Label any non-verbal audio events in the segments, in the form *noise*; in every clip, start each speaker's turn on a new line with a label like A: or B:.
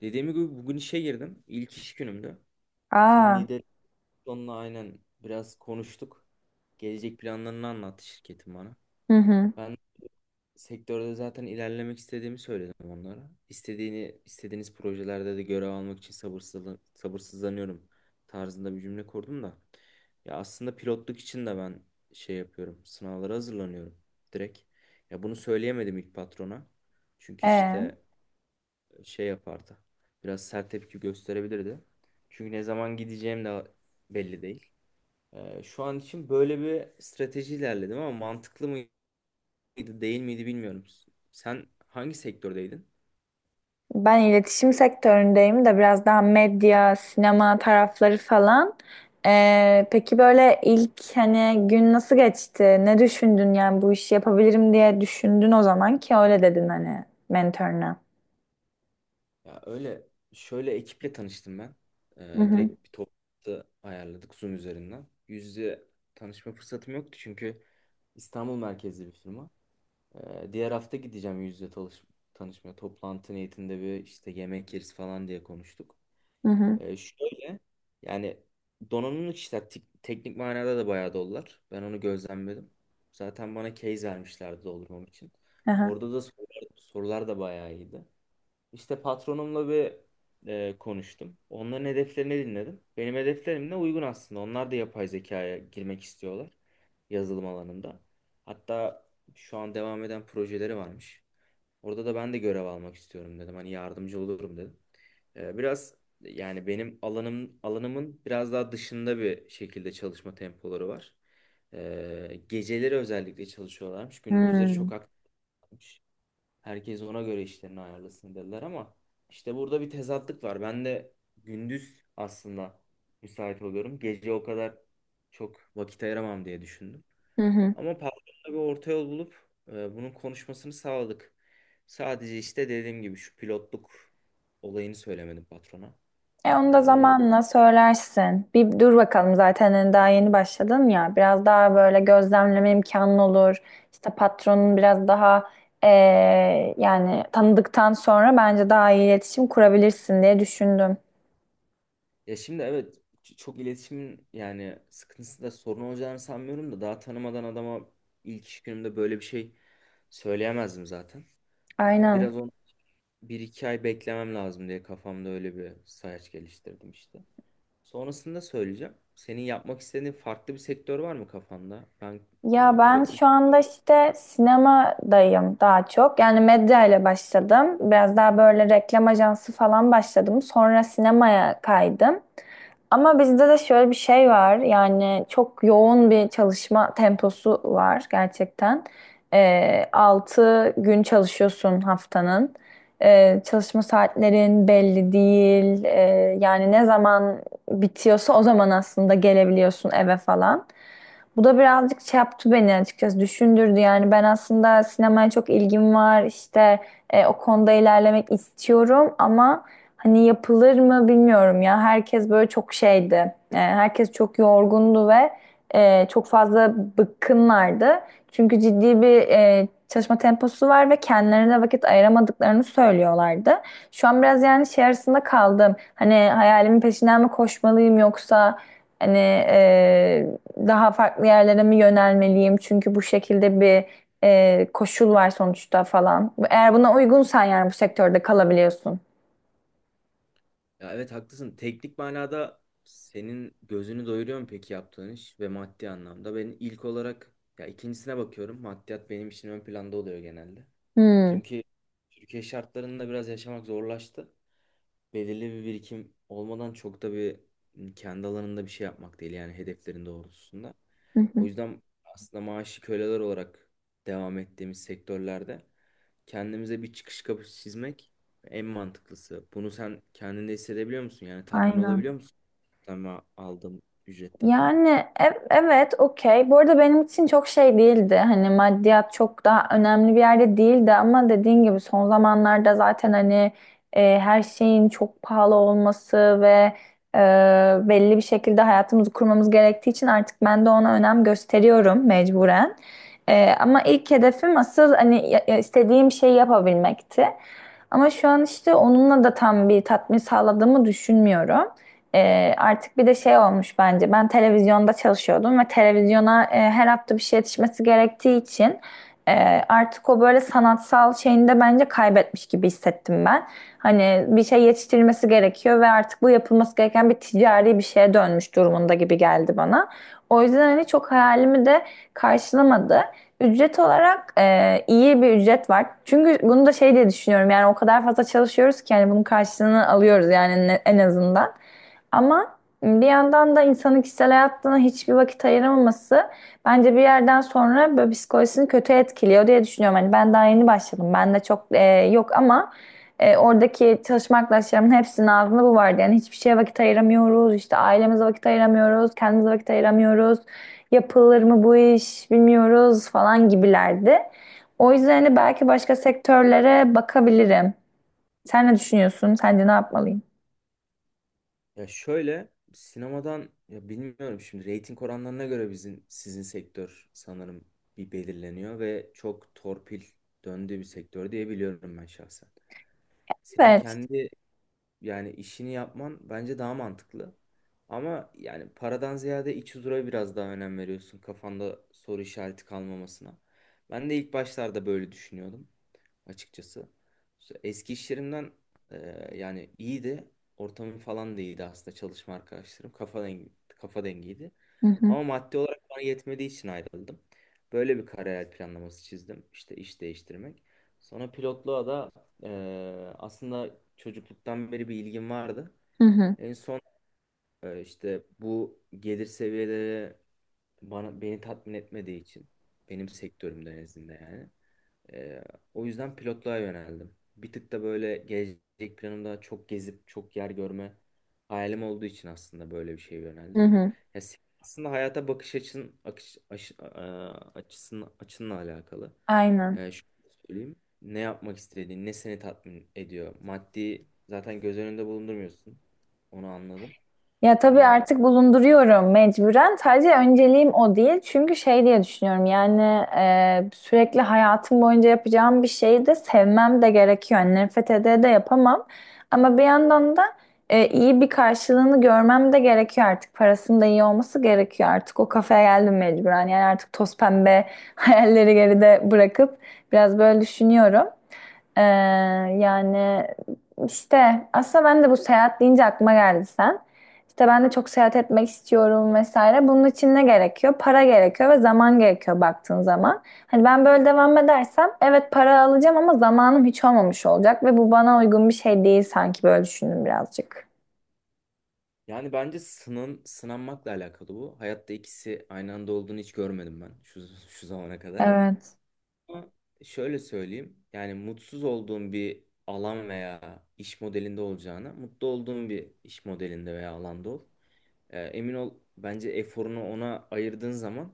A: Dediğim gibi bugün işe girdim. İlk iş günümdü. Team
B: Aa.
A: lider onunla aynen biraz konuştuk. Gelecek planlarını anlattı şirketin bana.
B: Hı hı.
A: Ben sektörde zaten ilerlemek istediğimi söyledim onlara. İstediğini, istediğiniz projelerde de görev almak için sabırsızlanıyorum tarzında bir cümle kurdum da. Ya aslında pilotluk için de ben şey yapıyorum. Sınavlara hazırlanıyorum direkt. Ya bunu söyleyemedim ilk patrona. Çünkü
B: e.
A: işte şey yapardı. Biraz sert tepki gösterebilirdi. Çünkü ne zaman gideceğim de belli değil. Şu an için böyle bir strateji ilerledim ama mantıklı mıydı değil miydi bilmiyorum. Sen hangi sektördeydin?
B: Ben iletişim sektöründeyim de biraz daha medya, sinema tarafları falan. Peki böyle ilk hani gün nasıl geçti? Ne düşündün yani bu işi yapabilirim diye düşündün o zaman ki öyle dedin hani mentoruna.
A: Ya öyle şöyle ekiple tanıştım ben.
B: Hı hı.
A: Direkt bir toplantı ayarladık Zoom üzerinden. Yüz yüze tanışma fırsatım yoktu çünkü İstanbul merkezli bir firma. Diğer hafta gideceğim yüz yüze tanışmaya. Toplantı niyetinde bir işte yemek yeriz falan diye konuştuk.
B: Hı hı.
A: Şöyle yani donanımlı kişiler teknik manada da bayağı dolular. Ben onu gözlemledim. Zaten bana case vermişlerdi doldurmam için.
B: Aha.
A: Orada da sorular da bayağı iyiydi. İşte patronumla bir konuştum. Onların hedeflerini dinledim. Benim hedeflerimle uygun aslında. Onlar da yapay zekaya girmek istiyorlar yazılım alanında. Hatta şu an devam eden projeleri varmış. Orada da ben de görev almak istiyorum dedim. Hani yardımcı olurum dedim. Biraz yani benim alanımın biraz daha dışında bir şekilde çalışma tempoları var. Geceleri özellikle çalışıyorlarmış. Gündüzleri
B: Hmm.
A: çok aktifmiş. Herkes ona göre işlerini ayarlasın dediler ama işte burada bir tezatlık var. Ben de gündüz aslında müsait oluyorum. Gece o kadar çok vakit ayıramam diye düşündüm.
B: Hı hı.
A: Ama patronla bir orta yol bulup bunun konuşmasını sağladık. Sadece işte dediğim gibi şu pilotluk olayını söylemedim patrona.
B: E onu
A: E,
B: da
A: onun da-
B: zamanla söylersin. Bir dur bakalım zaten hani daha yeni başladın ya. Biraz daha böyle gözlemleme imkanın olur. İşte patronun biraz daha e, yani tanıdıktan sonra bence daha iyi iletişim kurabilirsin diye düşündüm.
A: ya şimdi evet çok iletişimin yani sıkıntısı da sorun olacağını sanmıyorum da daha tanımadan adama ilk iş günümde böyle bir şey söyleyemezdim zaten.
B: Aynen.
A: Biraz on bir iki ay beklemem lazım diye kafamda öyle bir sayaç geliştirdim işte. Sonrasında söyleyeceğim. Senin yapmak istediğin farklı bir sektör var mı kafanda? Ben e,
B: Ya ben
A: pilotluk
B: şu anda işte sinemadayım daha çok. Yani medya ile başladım. Biraz daha böyle reklam ajansı falan başladım. Sonra sinemaya kaydım. Ama bizde de şöyle bir şey var. Yani çok yoğun bir çalışma temposu var gerçekten. 6 gün çalışıyorsun haftanın. Çalışma saatlerin belli değil. Yani ne zaman bitiyorsa o zaman aslında gelebiliyorsun eve falan. Bu da birazcık şey yaptı beni, açıkçası düşündürdü, yani ben aslında sinemaya çok ilgim var, işte o konuda ilerlemek istiyorum ama hani yapılır mı bilmiyorum ya, herkes böyle çok şeydi. E, herkes çok yorgundu ve çok fazla bıkkınlardı çünkü ciddi bir çalışma temposu var ve kendilerine vakit ayıramadıklarını söylüyorlardı. Şu an biraz yani şey arasında kaldım, hani hayalimin peşinden mi koşmalıyım yoksa hani e, daha farklı yerlere mi yönelmeliyim? Çünkü bu şekilde bir koşul var sonuçta falan. Eğer buna uygunsan yani bu sektörde kalabiliyorsun.
A: Ya evet haklısın. Teknik manada senin gözünü doyuruyor mu peki yaptığın iş ve maddi anlamda? Ben ilk olarak ya ikincisine bakıyorum. Maddiyat benim için ön planda oluyor genelde.
B: Hmm.
A: Çünkü Türkiye şartlarında biraz yaşamak zorlaştı belirli bir birikim olmadan çok da bir kendi alanında bir şey yapmak değil yani hedeflerin doğrultusunda.
B: Hı
A: O
B: hı.
A: yüzden aslında maaşı köleler olarak devam ettiğimiz sektörlerde kendimize bir çıkış kapısı çizmek en mantıklısı. Bunu sen kendinde hissedebiliyor musun? Yani tatmin olabiliyor
B: Aynen.
A: musun? Ama aldığım ücretten.
B: Yani evet, okey. Bu arada benim için çok şey değildi. Hani maddiyat çok daha önemli bir yerde değildi ama dediğin gibi son zamanlarda zaten hani her şeyin çok pahalı olması ve e, belli bir şekilde hayatımızı kurmamız gerektiği için artık ben de ona önem gösteriyorum mecburen. E, ama ilk hedefim asıl hani ya istediğim şeyi yapabilmekti. Ama şu an işte onunla da tam bir tatmin sağladığımı düşünmüyorum. Artık bir de şey olmuş bence. Ben televizyonda çalışıyordum ve televizyona her hafta bir şey yetişmesi gerektiği için artık o böyle sanatsal şeyini de bence kaybetmiş gibi hissettim ben. Hani bir şey yetiştirilmesi gerekiyor ve artık bu yapılması gereken bir ticari bir şeye dönmüş durumunda gibi geldi bana. O yüzden hani çok hayalimi de karşılamadı. Ücret olarak iyi bir ücret var. Çünkü bunu da şey diye düşünüyorum. Yani o kadar fazla çalışıyoruz ki hani bunun karşılığını alıyoruz yani, en azından. Ama bir yandan da insanın kişisel hayatına hiçbir vakit ayıramaması bence bir yerden sonra böyle psikolojisini kötü etkiliyor diye düşünüyorum. Hani ben daha yeni başladım. Ben de çok yok ama oradaki çalışma arkadaşlarımın hepsinin ağzında bu vardı. Yani hiçbir şeye vakit ayıramıyoruz. İşte ailemize vakit ayıramıyoruz. Kendimize vakit ayıramıyoruz. Yapılır mı bu iş bilmiyoruz falan gibilerdi. O yüzden hani belki başka sektörlere bakabilirim. Sen ne düşünüyorsun? Sence ne yapmalıyım?
A: Ya şöyle sinemadan ya bilmiyorum şimdi reyting oranlarına göre bizim sizin sektör sanırım bir belirleniyor ve çok torpil döndüğü bir sektör diye biliyorum ben şahsen. Senin
B: Evet.
A: kendi yani işini yapman bence daha mantıklı. Ama yani paradan ziyade iç huzura biraz daha önem veriyorsun kafanda soru işareti kalmamasına. Ben de ilk başlarda böyle düşünüyordum açıkçası. Eski iş yerimden yani iyiydi. Ortamım falan da iyiydi aslında çalışma arkadaşlarım. Kafa dengiydi.
B: Hı hı.
A: Ama maddi olarak bana yetmediği için ayrıldım. Böyle bir kariyer planlaması çizdim. İşte iş değiştirmek. Sonra pilotluğa da e, aslında çocukluktan beri bir ilgim vardı.
B: Hı hı.
A: En son işte bu gelir seviyeleri beni tatmin etmediği için benim sektörümde en yani. Ee, O yüzden pilotluğa yöneldim. Bir tık da böyle gelecek planımda çok gezip çok yer görme hayalim olduğu için aslında böyle bir şeye
B: Hı
A: yöneldim.
B: hı.
A: Aslında hayata bakış açın akış, aşı- a- açısın, açınla alakalı.
B: Aynen.
A: Şöyle söyleyeyim. Ne yapmak istediğin, ne seni tatmin ediyor. Maddi zaten göz önünde bulundurmuyorsun. Onu anladım.
B: Ya tabii
A: Ee,
B: artık bulunduruyorum mecburen. Sadece önceliğim o değil. Çünkü şey diye düşünüyorum yani sürekli hayatım boyunca yapacağım bir şeyi de sevmem de gerekiyor. Yani nefret ede de yapamam. Ama bir yandan da iyi bir karşılığını görmem de gerekiyor artık. Parasının da iyi olması gerekiyor artık. O kafaya geldim mecburen. Yani artık toz pembe *laughs* hayalleri geride bırakıp biraz böyle düşünüyorum. E, Yani işte aslında ben de bu seyahat deyince aklıma geldi sen. İşte ben de çok seyahat etmek istiyorum vesaire. Bunun için ne gerekiyor? Para gerekiyor ve zaman gerekiyor baktığın zaman. Hani ben böyle devam edersem evet para alacağım ama zamanım hiç olmamış olacak ve bu bana uygun bir şey değil sanki, böyle düşündüm birazcık.
A: Yani bence sınanmakla alakalı bu. Hayatta ikisi aynı anda olduğunu hiç görmedim ben şu zamana kadar.
B: Evet.
A: Ama şöyle söyleyeyim. Yani mutsuz olduğum bir alan veya iş modelinde olacağına mutlu olduğum bir iş modelinde veya alanda ol. Emin ol bence eforunu ona ayırdığın zaman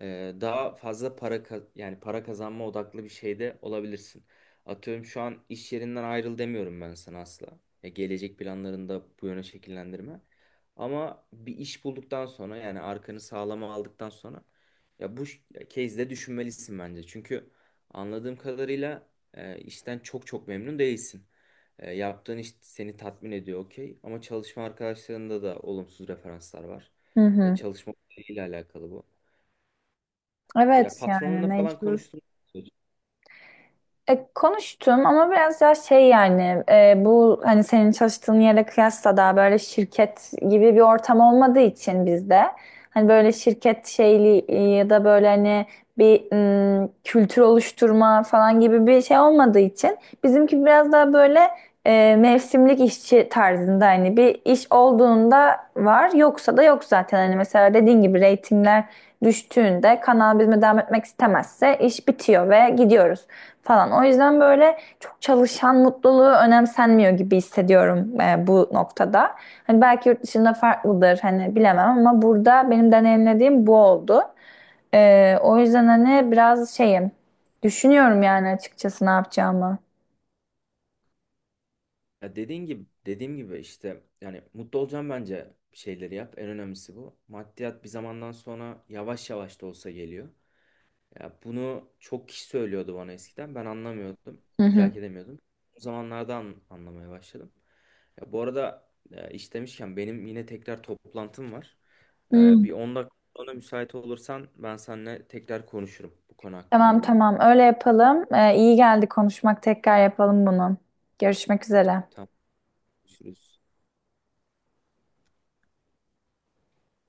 A: daha fazla para yani para kazanma odaklı bir şeyde olabilirsin. Atıyorum şu an iş yerinden ayrıl demiyorum ben sana asla. Ya gelecek planlarında bu yöne şekillendirme. Ama bir iş bulduktan sonra yani arkanı sağlama aldıktan sonra ya bu ya case'de düşünmelisin bence. Çünkü anladığım kadarıyla işten çok çok memnun değilsin. Yaptığın iş seni tatmin ediyor okey. Ama çalışma arkadaşlarında da olumsuz referanslar var.
B: Hı hı.
A: Çalışma ile alakalı bu.
B: Evet
A: Ya
B: yani
A: patronunla falan
B: mecbur.
A: konuştum.
B: E, konuştum ama biraz daha şey yani, bu hani senin çalıştığın yere kıyasla daha böyle şirket gibi bir ortam olmadığı için bizde hani böyle şirket şeyli, ya da böyle hani bir kültür oluşturma falan gibi bir şey olmadığı için bizimki biraz daha böyle mevsimlik işçi tarzında, hani bir iş olduğunda var yoksa da yok zaten, hani mesela dediğin gibi reytingler düştüğünde kanal bizimle devam etmek istemezse iş bitiyor ve gidiyoruz falan. O yüzden böyle çok çalışan mutluluğu önemsenmiyor gibi hissediyorum bu noktada. Hani belki yurt dışında farklıdır, hani bilemem ama burada benim deneyimlediğim bu oldu. E, o yüzden hani biraz şeyim, düşünüyorum yani açıkçası ne yapacağımı.
A: Ya dediğin gibi dediğim gibi işte yani mutlu olacağım bence bir şeyleri yap. En önemlisi bu. Maddiyat bir zamandan sonra yavaş yavaş da olsa geliyor. Ya bunu çok kişi söylüyordu bana eskiden. Ben anlamıyordum,
B: Hı hı.
A: idrak edemiyordum. O zamanlardan anlamaya başladım. Ya bu arada iş demişken benim yine tekrar toplantım var.
B: Hmm.
A: Bir 10 dakika sonra müsait olursan ben seninle tekrar konuşurum bu konu
B: Tamam,
A: hakkında.
B: tamam, öyle yapalım. E, iyi geldi konuşmak, tekrar yapalım bunu. Görüşmek üzere.
A: Tamam, görüşürüz.